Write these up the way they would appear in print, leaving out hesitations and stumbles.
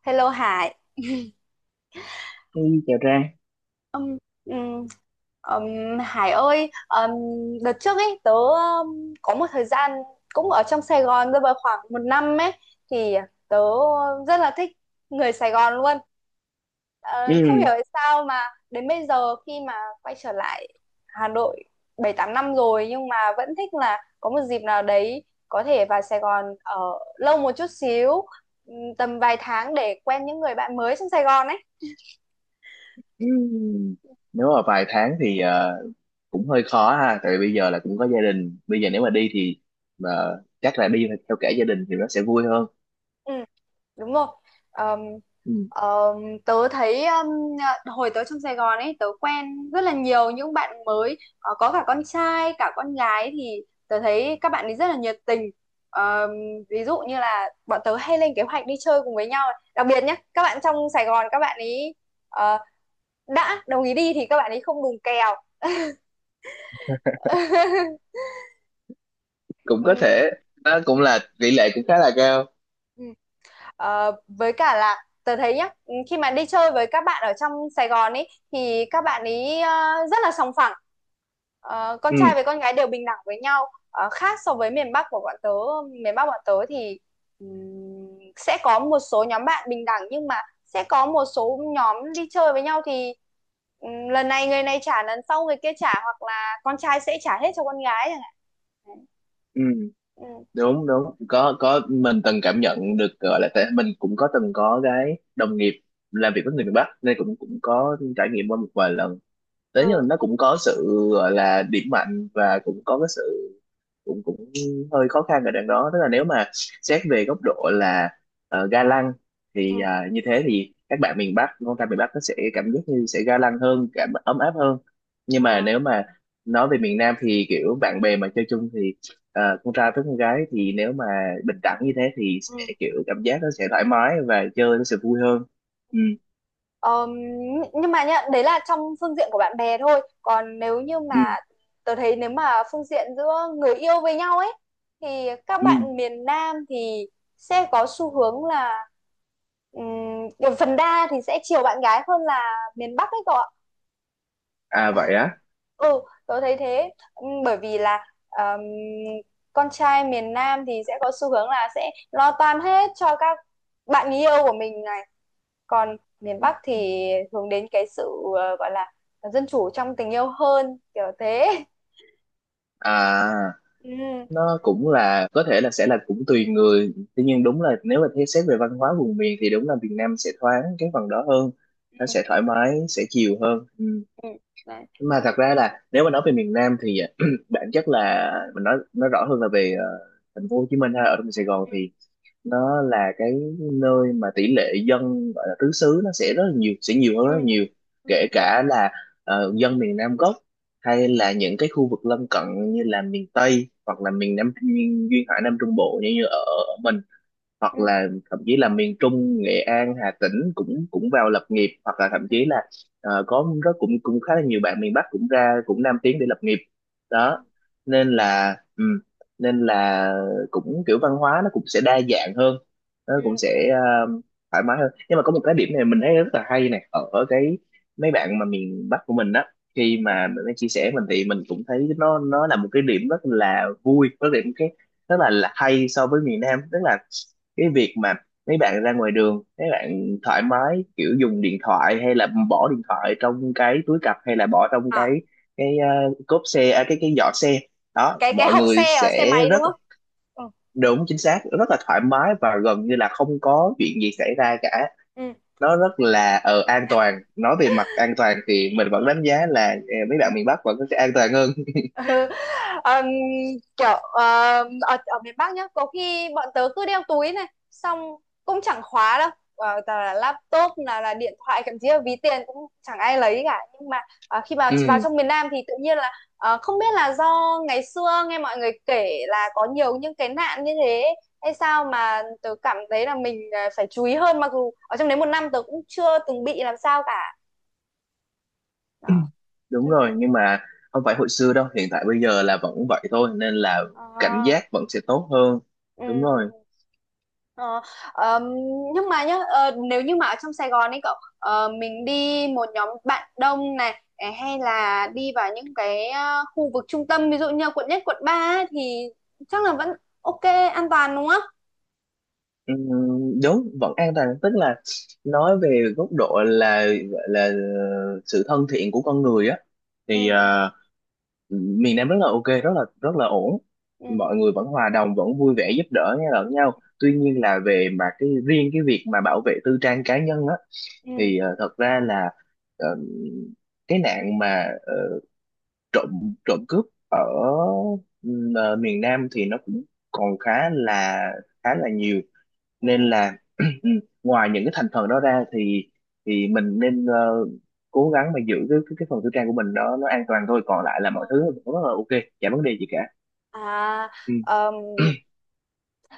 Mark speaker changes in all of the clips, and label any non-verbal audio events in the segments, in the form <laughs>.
Speaker 1: Hello Hải.
Speaker 2: Hey, chào Trang.
Speaker 1: Ừm, ừm, Hải ơi, đợt trước ấy tớ có một thời gian cũng ở trong Sài Gòn, rơi vào khoảng một năm ấy, thì tớ rất là thích người Sài Gòn luôn. Ờ, Không hiểu
Speaker 2: Ừ.
Speaker 1: tại sao mà đến bây giờ khi mà quay trở lại Hà Nội 7-8 năm rồi nhưng mà vẫn thích là có một dịp nào đấy có thể vào Sài Gòn ở lâu một chút xíu, tầm vài tháng để quen những người bạn mới trong Sài Gòn ấy.
Speaker 2: Ừ. Nếu mà vài tháng thì cũng hơi khó ha, tại vì bây giờ là cũng có gia đình. Bây giờ nếu mà đi thì mà chắc là đi theo cả gia đình thì nó sẽ vui hơn.
Speaker 1: Ừ, đúng rồi. Ờm,
Speaker 2: Ừ.
Speaker 1: ờm, Tớ thấy hồi tớ trong Sài Gòn ấy tớ quen rất là nhiều những bạn mới. Ờ, có cả con trai cả con gái thì tớ thấy các bạn ấy rất là nhiệt tình. Ờm, Ví dụ như là bọn tớ hay lên kế hoạch đi chơi cùng với nhau, đặc biệt nhé các bạn trong Sài Gòn, các bạn ấy ờ, đã đồng ý đi thì các bạn ấy không đùng kèo. <laughs>
Speaker 2: Cũng có
Speaker 1: Ừ,
Speaker 2: thể, đó cũng
Speaker 1: ừ,
Speaker 2: là tỷ lệ cũng khá là cao.
Speaker 1: ừ. Với cả là tớ thấy nhá, khi mà đi chơi với các bạn ở trong Sài Gòn ấy thì các bạn ấy rất là sòng phẳng. Con
Speaker 2: Ừ.
Speaker 1: trai với con gái đều bình đẳng với nhau, khác so với miền Bắc của bọn tớ. Miền Bắc bọn tớ thì ừm, sẽ có một số nhóm bạn bình đẳng, nhưng mà sẽ có một số nhóm đi chơi với nhau thì lần này người này trả, lần sau người kia trả, hoặc là con trai sẽ trả hết cho con gái chẳng hạn. Đấy.
Speaker 2: Ừ.
Speaker 1: Ừ,
Speaker 2: Đúng đúng. Có mình từng cảm nhận được gọi là tại mình cũng có từng có cái đồng nghiệp làm việc với người miền Bắc nên cũng cũng có trải nghiệm qua một vài lần. Thế nhưng mà
Speaker 1: ừ,
Speaker 2: nó cũng có sự gọi là điểm mạnh và cũng có cái sự cũng cũng hơi khó khăn ở đằng đó, tức là nếu mà xét về góc độ là ga lăng
Speaker 1: ừ.
Speaker 2: thì như thế thì các bạn miền Bắc con trai miền Bắc nó sẽ cảm giác như sẽ ga lăng hơn, cảm ấm áp hơn. Nhưng mà
Speaker 1: Ờ.
Speaker 2: nếu mà nói về miền Nam thì kiểu bạn bè mà chơi chung thì con trai với con gái thì nếu mà bình đẳng như thế thì
Speaker 1: Ừ.
Speaker 2: sẽ kiểu cảm giác nó sẽ thoải mái và chơi nó sẽ vui hơn. Ừ.
Speaker 1: Ờm, nhưng mà nhá, đấy là trong phương diện của bạn bè thôi. Còn nếu như
Speaker 2: Ừ.
Speaker 1: mà tớ thấy, nếu mà phương diện giữa người yêu với nhau ấy, thì các
Speaker 2: Ừ.
Speaker 1: bạn miền Nam thì sẽ có xu hướng là kiểu phần đa thì sẽ chiều bạn gái hơn là miền Bắc ấy cậu ạ.
Speaker 2: À vậy á.
Speaker 1: Ừ, tớ thấy thế. Bởi vì là con trai miền Nam thì sẽ có xu hướng là sẽ lo toan hết cho các bạn người yêu của mình này, còn miền Bắc thì hướng đến cái sự gọi là dân chủ trong tình yêu hơn, kiểu thế.
Speaker 2: à
Speaker 1: Ừ.
Speaker 2: nó cũng là có thể là sẽ là cũng tùy người, tuy nhiên đúng là nếu mà thế xét về văn hóa vùng miền thì đúng là Việt Nam sẽ thoáng cái phần đó hơn, nó
Speaker 1: Ừ.
Speaker 2: sẽ thoải mái sẽ chiều hơn. Ừ.
Speaker 1: Ừ. Đấy.
Speaker 2: Mà thật ra là nếu mà nói về miền Nam thì <clears throat> bản chất là mình nói rõ hơn là về thành phố Hồ Chí Minh hay ở trong Sài Gòn
Speaker 1: Ừ
Speaker 2: thì nó là cái nơi mà tỷ lệ dân gọi là tứ xứ nó sẽ rất là nhiều, sẽ nhiều hơn
Speaker 1: ừ.
Speaker 2: rất là nhiều,
Speaker 1: Ừ.
Speaker 2: kể cả là dân miền Nam gốc hay là những cái khu vực lân cận như là miền Tây, hoặc là miền Nam, miền duyên hải Nam Trung Bộ, như ở mình,
Speaker 1: Ừ.
Speaker 2: hoặc là thậm chí là miền Trung, Nghệ An, Hà Tĩnh cũng cũng vào lập nghiệp, hoặc là thậm
Speaker 1: Ừ.
Speaker 2: chí là có cũng cũng khá là nhiều bạn miền Bắc cũng ra, cũng Nam tiến để lập nghiệp
Speaker 1: Ừ.
Speaker 2: đó. Nên là nên là cũng kiểu văn hóa nó cũng sẽ đa dạng hơn, nó cũng
Speaker 1: Ừ.
Speaker 2: sẽ thoải mái hơn. Nhưng mà có một cái điểm này mình thấy rất là hay này, ở ở cái mấy bạn mà miền Bắc của mình đó, khi mà mình mới chia sẻ mình thì mình cũng thấy nó là một cái điểm rất là vui, rất là một cái rất là hay so với miền Nam, tức là cái việc mà mấy bạn ra ngoài đường mấy bạn thoải mái kiểu dùng điện thoại, hay là bỏ điện thoại trong cái túi cặp, hay là bỏ trong
Speaker 1: À,
Speaker 2: cốp xe, à, cái giỏ xe đó,
Speaker 1: cái
Speaker 2: mọi
Speaker 1: hộp
Speaker 2: người
Speaker 1: xe ở xe
Speaker 2: sẽ
Speaker 1: máy đúng
Speaker 2: rất
Speaker 1: không? Ừ.
Speaker 2: đúng chính xác, rất là thoải mái và gần như là không có chuyện gì xảy ra cả.
Speaker 1: Ừ.
Speaker 2: Nó rất là an toàn. Nói về mặt an toàn thì mình vẫn đánh giá là mấy bạn miền Bắc vẫn sẽ an toàn hơn.
Speaker 1: Ừ. Ờm, Kiểu ở miền Bắc nhá, có khi bọn tớ cứ đeo túi này xong cũng chẳng khóa đâu. Toàn là laptop, là điện thoại, thậm chí là ví tiền cũng chẳng ai lấy cả, nhưng mà khi vào
Speaker 2: <laughs>
Speaker 1: vào
Speaker 2: Ừ,
Speaker 1: trong miền Nam thì tự nhiên là không biết là do ngày xưa nghe mọi người kể là có nhiều những cái nạn như thế hay sao, mà tớ cảm thấy là mình phải chú ý hơn, mặc dù ở trong đấy một năm tớ cũng chưa từng bị làm sao cả. Đó.
Speaker 2: đúng
Speaker 1: Ừ.
Speaker 2: rồi. Nhưng mà không phải hồi xưa đâu, hiện tại bây giờ là vẫn vậy thôi, nên là cảnh
Speaker 1: Ờ.
Speaker 2: giác vẫn sẽ tốt hơn.
Speaker 1: Ừ.
Speaker 2: Đúng rồi.
Speaker 1: Ờ. ờm, nhưng mà nhá, nếu như mà ở trong Sài Gòn ấy cậu, mình đi một nhóm bạn đông này, hay là đi vào những cái khu vực trung tâm, ví dụ như là Quận 1, Quận 3 ấy, thì chắc là vẫn ok, an toàn đúng không?
Speaker 2: Đúng vẫn an toàn, tức là nói về góc độ là gọi là sự thân thiện của con người á, thì
Speaker 1: Ừ,
Speaker 2: miền Nam rất là ok, rất là ổn,
Speaker 1: ừ,
Speaker 2: mọi người vẫn hòa đồng, vẫn vui vẻ giúp đỡ nhau lẫn nhau. Tuy
Speaker 1: ừ,
Speaker 2: nhiên là về mà cái riêng cái việc mà bảo vệ tư trang cá nhân á
Speaker 1: ừ,
Speaker 2: thì thật ra là ờ, cái nạn mà trộm trộm cướp ở ờ, miền Nam thì nó cũng còn khá là nhiều.
Speaker 1: ừ. Ừ.
Speaker 2: Nên là <clears throat> ngoài những cái thành phần đó ra thì mình nên cố gắng mà giữ cái phần tư trang của mình đó nó an toàn thôi, còn lại là mọi
Speaker 1: Ờ.
Speaker 2: thứ rất là ok, chả vấn đề gì cả.
Speaker 1: À.
Speaker 2: Ừm.
Speaker 1: ờm,
Speaker 2: <clears throat>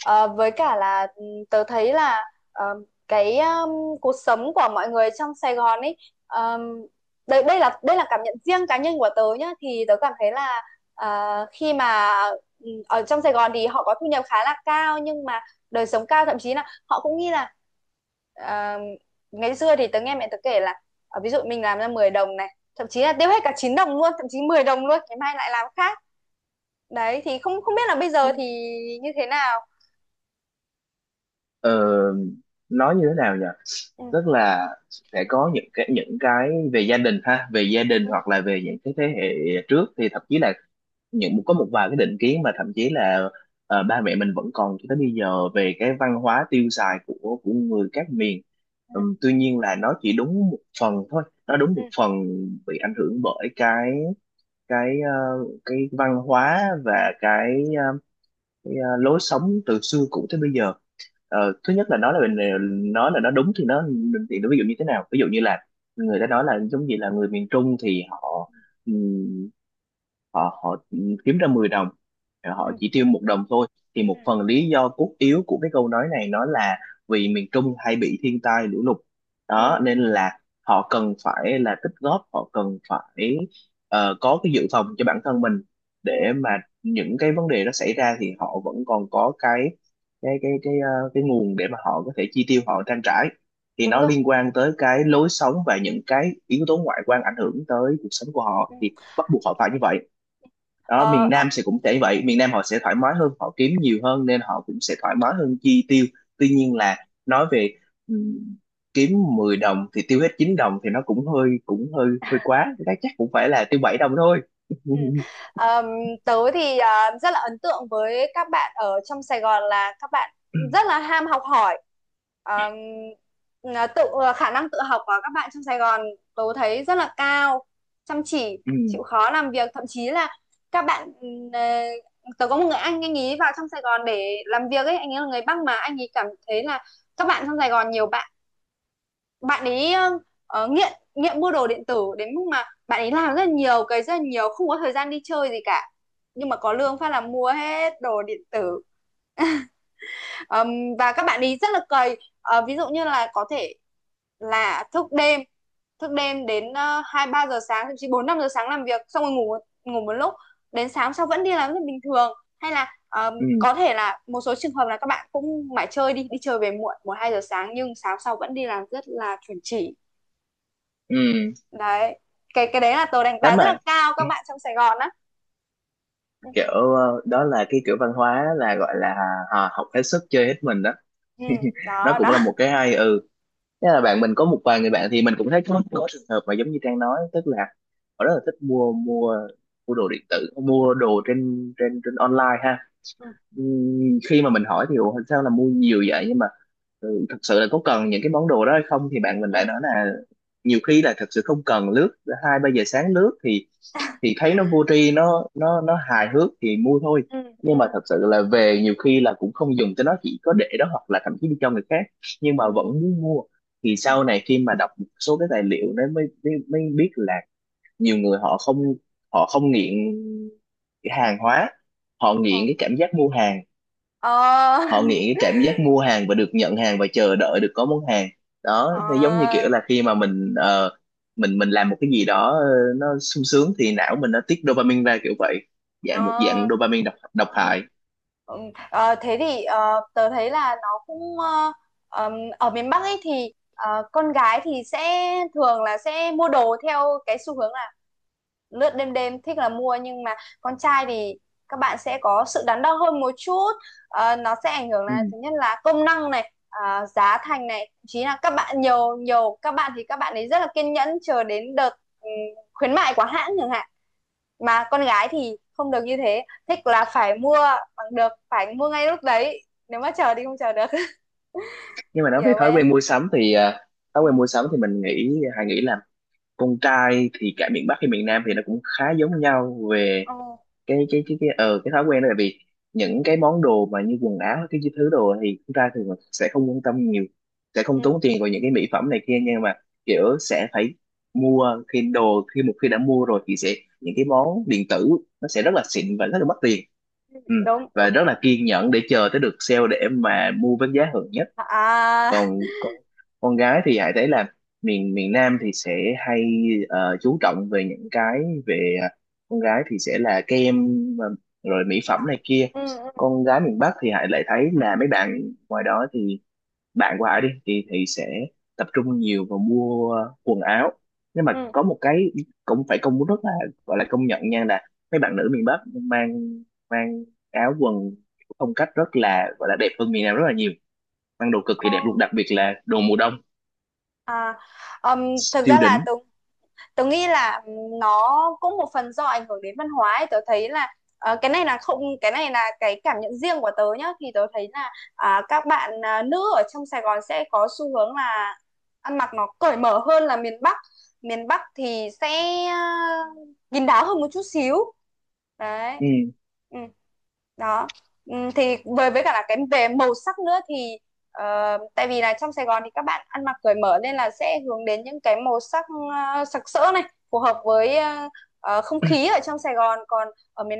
Speaker 1: Ờ, với cả là tớ thấy là ờ, cái cuộc sống của mọi người trong Sài Gòn ấy, um, đây đây là cảm nhận riêng cá nhân của tớ nhá, thì tớ cảm thấy là khi mà ở trong Sài Gòn thì họ có thu nhập khá là cao, nhưng mà đời sống cao, thậm chí là họ cũng nghĩ là à, ngày xưa thì tớ nghe mẹ tớ kể là ví dụ mình làm ra 10 đồng này, thậm chí là tiêu hết cả 9 đồng luôn, thậm chí 10 đồng luôn, ngày mai lại làm khác. Đấy thì không không biết là bây giờ thì như thế nào.
Speaker 2: Ờ, nói như thế nào nhỉ,
Speaker 1: Ừ.
Speaker 2: tức là sẽ có những cái về gia đình ha, về gia đình hoặc là về những cái thế hệ trước thì thậm chí là có một vài cái định kiến mà thậm chí là ba mẹ mình vẫn còn cho tới bây giờ về
Speaker 1: Ừ,
Speaker 2: cái văn hóa tiêu xài của người các miền. Tuy nhiên là nó chỉ đúng một phần thôi, nó đúng
Speaker 1: ừ,
Speaker 2: một phần, bị ảnh hưởng bởi cái ờ, cái văn hóa và cái lối sống từ xưa cũ tới bây giờ. Thứ nhất là nói là nói là nó đúng thì nó ví dụ như thế nào, ví dụ như là người ta nói là giống như là người miền Trung thì họ ừm, họ họ kiếm ra 10 đồng, họ
Speaker 1: ừ,
Speaker 2: chỉ tiêu 1 đồng thôi. Thì
Speaker 1: ừ,
Speaker 2: một phần lý do cốt yếu của cái câu nói này nó là vì miền Trung hay bị thiên tai lũ lụt đó,
Speaker 1: ừ.
Speaker 2: nên là họ cần phải là tích góp, họ cần phải có cái dự phòng cho bản thân mình,
Speaker 1: Ừ,
Speaker 2: để mà những cái vấn đề đó xảy ra thì họ vẫn còn có cái nguồn để mà họ có thể chi tiêu, họ trang trải. Thì
Speaker 1: đúng
Speaker 2: nó
Speaker 1: rồi.
Speaker 2: liên quan tới cái lối sống và những cái yếu tố ngoại quan ảnh hưởng tới cuộc sống của họ thì
Speaker 1: Ừ.
Speaker 2: bắt buộc họ phải như vậy đó.
Speaker 1: Ờ.
Speaker 2: Miền
Speaker 1: Ờ.
Speaker 2: Nam sẽ cũng sẽ như vậy, miền Nam họ sẽ thoải mái hơn, họ kiếm nhiều hơn nên họ cũng sẽ thoải mái hơn chi tiêu. Tuy nhiên là nói về ừ, kiếm 10 đồng thì tiêu hết 9 đồng thì nó cũng hơi hơi quá, cái đó chắc cũng phải là tiêu 7 đồng thôi. <laughs>
Speaker 1: Ừ. Ờm, Tớ thì rất là ấn tượng với các bạn ở trong Sài Gòn là các bạn rất là ham học hỏi. Ờm, là tự khả năng tự học của các bạn trong Sài Gòn tớ thấy rất là cao, chăm chỉ
Speaker 2: Ừ.
Speaker 1: chịu khó làm việc, thậm chí là các bạn tớ có một người anh ấy vào trong Sài Gòn để làm việc ấy, anh ấy là người Bắc mà anh ấy cảm thấy là các bạn trong Sài Gòn nhiều bạn ấy nghiện nghiện mua đồ điện tử đến mức mà bạn ấy làm rất là nhiều cái, rất là nhiều, không có thời gian đi chơi gì cả, nhưng mà có lương phát là mua hết đồ điện tử. Ờm, và các bạn ấy rất là cày. Ờ, Ví dụ như là có thể là thức đêm, thức đêm đến 2-3 giờ sáng, thậm chí 4-5 giờ sáng làm việc xong rồi ngủ, một lúc đến sáng sau vẫn đi làm rất bình thường. Hay là
Speaker 2: Ừ.
Speaker 1: có thể là một số trường hợp là các bạn cũng mải chơi, đi đi chơi về muộn 1-2 giờ sáng, nhưng sáng sau vẫn đi làm rất là chuẩn chỉ.
Speaker 2: Ừ.
Speaker 1: Đấy. Cái đấy là tớ đánh
Speaker 2: Thế
Speaker 1: giá rất là
Speaker 2: mà
Speaker 1: cao các bạn trong Sài Gòn á. Ừ.
Speaker 2: kiểu đó là cái kiểu văn hóa là gọi là học hết sức chơi hết mình đó.
Speaker 1: Ừ,
Speaker 2: <laughs> Nó
Speaker 1: đó
Speaker 2: cũng là
Speaker 1: đó.
Speaker 2: một cái hay. Ừ. Thế là bạn mình có một vài người bạn thì mình cũng thấy có trường hợp mà giống như Trang nói, tức là họ rất là thích mua mua mua đồ điện tử, mua đồ trên trên trên online ha.
Speaker 1: Ừ,
Speaker 2: Khi mà mình hỏi thì "Ủa, sao là mua nhiều vậy nhưng mà thật sự là có cần những cái món đồ đó hay không", thì bạn mình lại
Speaker 1: ừ,
Speaker 2: nói là nhiều khi là thật sự không cần, lướt hai ba giờ sáng lướt thì thấy nó vô tri, nó hài hước thì mua thôi.
Speaker 1: ừ,
Speaker 2: Nhưng mà
Speaker 1: ừ,
Speaker 2: thật sự là về nhiều khi là cũng không dùng cho nó, chỉ có để đó hoặc là thậm chí đi cho người khác, nhưng mà
Speaker 1: ừ.
Speaker 2: vẫn muốn mua. Thì
Speaker 1: Ừ.
Speaker 2: sau này khi mà đọc một số cái tài liệu đấy mới mới, mới biết là nhiều người họ không nghiện cái hàng hóa, họ
Speaker 1: Ờ,
Speaker 2: nghiện cái cảm giác mua hàng,
Speaker 1: ờ,
Speaker 2: họ nghiện cái cảm giác mua hàng và được nhận hàng và chờ đợi được có món hàng đó.
Speaker 1: ờ.
Speaker 2: Nó giống như kiểu là khi mà mình mình làm một cái gì đó nó sung sướng thì não mình nó tiết dopamine ra kiểu vậy, một dạng dopamine độc độc
Speaker 1: Ờ.
Speaker 2: hại.
Speaker 1: Ừ, thế thì tớ thấy là nó cũng ờm, ở miền Bắc ấy thì con gái thì sẽ thường là sẽ mua đồ theo cái xu hướng là lướt đêm, đêm thích là mua, nhưng mà con trai thì các bạn sẽ có sự đắn đo hơn một chút. Nó sẽ ảnh hưởng
Speaker 2: Ừ.
Speaker 1: là thứ nhất là công năng này, giá thành này, thậm chí là các bạn nhiều nhiều các bạn thì các bạn ấy rất là kiên nhẫn chờ đến đợt ừ, khuyến mại của hãng chẳng hạn, mà con gái thì không được như thế, thích là phải mua bằng được, phải mua ngay lúc đấy, nếu mà chờ thì không chờ được. <laughs>
Speaker 2: Nhưng mà nói về
Speaker 1: Hiểu
Speaker 2: thói
Speaker 1: vậy.
Speaker 2: quen mua sắm thì
Speaker 1: Ừ.
Speaker 2: mình nghĩ, hay nghĩ là con trai thì cả miền Bắc hay miền Nam thì nó cũng khá giống nhau về
Speaker 1: Ừ.
Speaker 2: cái thói quen đó, là vì những cái món đồ mà như quần áo cái thứ đồ thì chúng ta
Speaker 1: Ừ.
Speaker 2: thường là sẽ không quan tâm nhiều, sẽ không
Speaker 1: Ừ.
Speaker 2: tốn tiền vào những cái mỹ phẩm này kia, nhưng mà kiểu sẽ phải mua khi đồ, khi một khi đã mua rồi thì sẽ những cái món điện tử nó sẽ
Speaker 1: Ừ.
Speaker 2: rất là xịn và rất là mất tiền.
Speaker 1: Ừ.
Speaker 2: Ừ.
Speaker 1: Đúng
Speaker 2: Và
Speaker 1: đúng.
Speaker 2: rất là kiên nhẫn để chờ tới được sale để mà mua với giá hời nhất.
Speaker 1: À à.
Speaker 2: Còn con gái thì Hải thấy là miền miền Nam thì sẽ hay chú trọng về những cái về con gái thì sẽ là kem ờ, rồi mỹ phẩm
Speaker 1: À.
Speaker 2: này kia.
Speaker 1: Ừ. Ừ.
Speaker 2: Con gái miền Bắc thì Hải lại thấy là mấy bạn ngoài đó thì bạn của Hải đi thì sẽ tập trung nhiều vào mua quần áo. Nhưng mà
Speaker 1: Ừ.
Speaker 2: có một cái cũng phải công rất là gọi là công nhận nha là mấy bạn nữ miền Bắc mang mang áo quần phong cách rất là gọi là đẹp hơn miền Nam rất là nhiều, ăn đồ cực kỳ đẹp
Speaker 1: Ồ.
Speaker 2: luôn, đặc biệt là đồ mùa đông
Speaker 1: À. ừm, Thực ra
Speaker 2: siêu
Speaker 1: là
Speaker 2: đỉnh.
Speaker 1: Tường, tớ nghĩ là nó cũng một phần do ảnh hưởng đến văn hóa ấy. Tớ thấy là cái này là không, cái này là cái cảm nhận riêng của tớ nhá, thì tớ thấy là các bạn nữ ở trong Sài Gòn sẽ có xu hướng là ăn mặc nó cởi mở hơn là miền Bắc. Miền Bắc thì sẽ à, kín đáo hơn một chút xíu. Đấy.
Speaker 2: Ừ.
Speaker 1: Ừ. Đó. Thì với cả là cái về màu sắc nữa thì, Ờ, tại vì là trong Sài Gòn thì các bạn ăn mặc cởi mở nên là sẽ hướng đến những cái màu sắc sặc sỡ này, phù hợp với không khí ở trong Sài Gòn. Còn ở miền,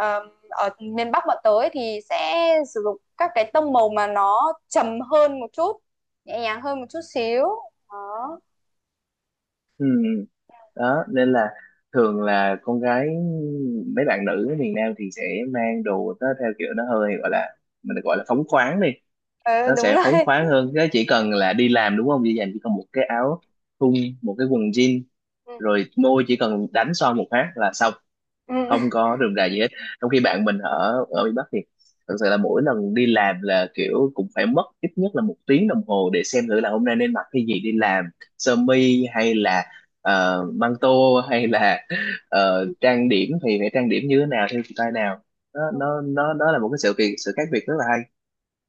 Speaker 1: ở miền Bắc bọn tới thì sẽ sử dụng các cái tông màu mà nó trầm hơn một chút, nhẹ nhàng hơn một chút xíu. Đó.
Speaker 2: Ừ. Đó nên là thường là con gái, mấy bạn nữ ở miền Nam thì sẽ mang đồ nó theo kiểu nó hơi gọi là, mình gọi là phóng khoáng đi,
Speaker 1: Ờ,
Speaker 2: nó
Speaker 1: đúng
Speaker 2: sẽ phóng
Speaker 1: rồi.
Speaker 2: khoáng hơn, cái chỉ cần là đi làm đúng không, dễ dàng, chỉ cần một cái áo thun, một cái quần jean,
Speaker 1: Ừ.
Speaker 2: rồi môi chỉ cần đánh son một phát là xong, không có rườm rà gì hết. Trong khi bạn mình ở ở miền Bắc thì thật sự là mỗi lần đi làm là kiểu cũng phải mất ít nhất là 1 tiếng đồng hồ để xem thử là hôm nay nên mặc cái gì đi làm, sơ mi hay là măng tô, hay là trang điểm thì phải trang điểm như thế nào, theo style nào.
Speaker 1: Ừ. <laughs>
Speaker 2: Nó Đó là một cái sự việc sự khác biệt rất là hay.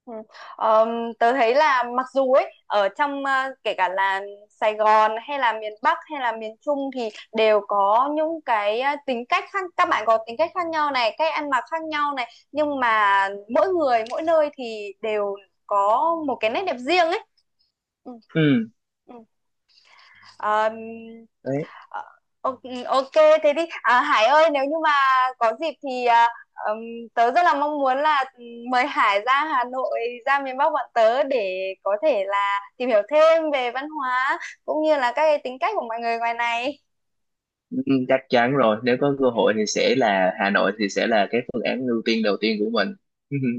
Speaker 1: Ừ. Ờm, Tớ thấy là, mặc dù ấy, ở trong kể cả là Sài Gòn hay là miền Bắc hay là miền Trung thì đều có những cái tính cách khác, các bạn có tính cách khác nhau này, cách ăn mặc khác nhau này, nhưng mà mỗi người mỗi nơi thì đều có một cái nét đẹp riêng ấy. Ừ.
Speaker 2: Ừ.
Speaker 1: Ừ. Ờm,
Speaker 2: Đấy.
Speaker 1: Ờ, ok, ok, thế thì Hải ơi, nếu như mà có dịp thì ừm, tớ rất là mong muốn là mời Hải ra Hà Nội, ra miền Bắc bọn tớ để có thể là tìm hiểu thêm về văn hóa cũng như là các cái tính cách của mọi người ngoài này.
Speaker 2: Ừ, chắc chắn rồi, nếu có cơ
Speaker 1: Ừ,
Speaker 2: hội thì sẽ là Hà Nội thì sẽ là cái phương án ưu tiên đầu tiên của mình.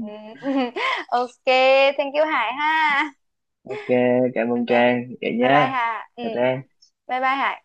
Speaker 1: ừ. <laughs> Ok, thank you Hải ha.
Speaker 2: Ok, cảm ơn
Speaker 1: Ok,
Speaker 2: Trang vậy
Speaker 1: bye bye
Speaker 2: nha.
Speaker 1: Hà, ừ,
Speaker 2: Chào Trang.
Speaker 1: bye bye Hải.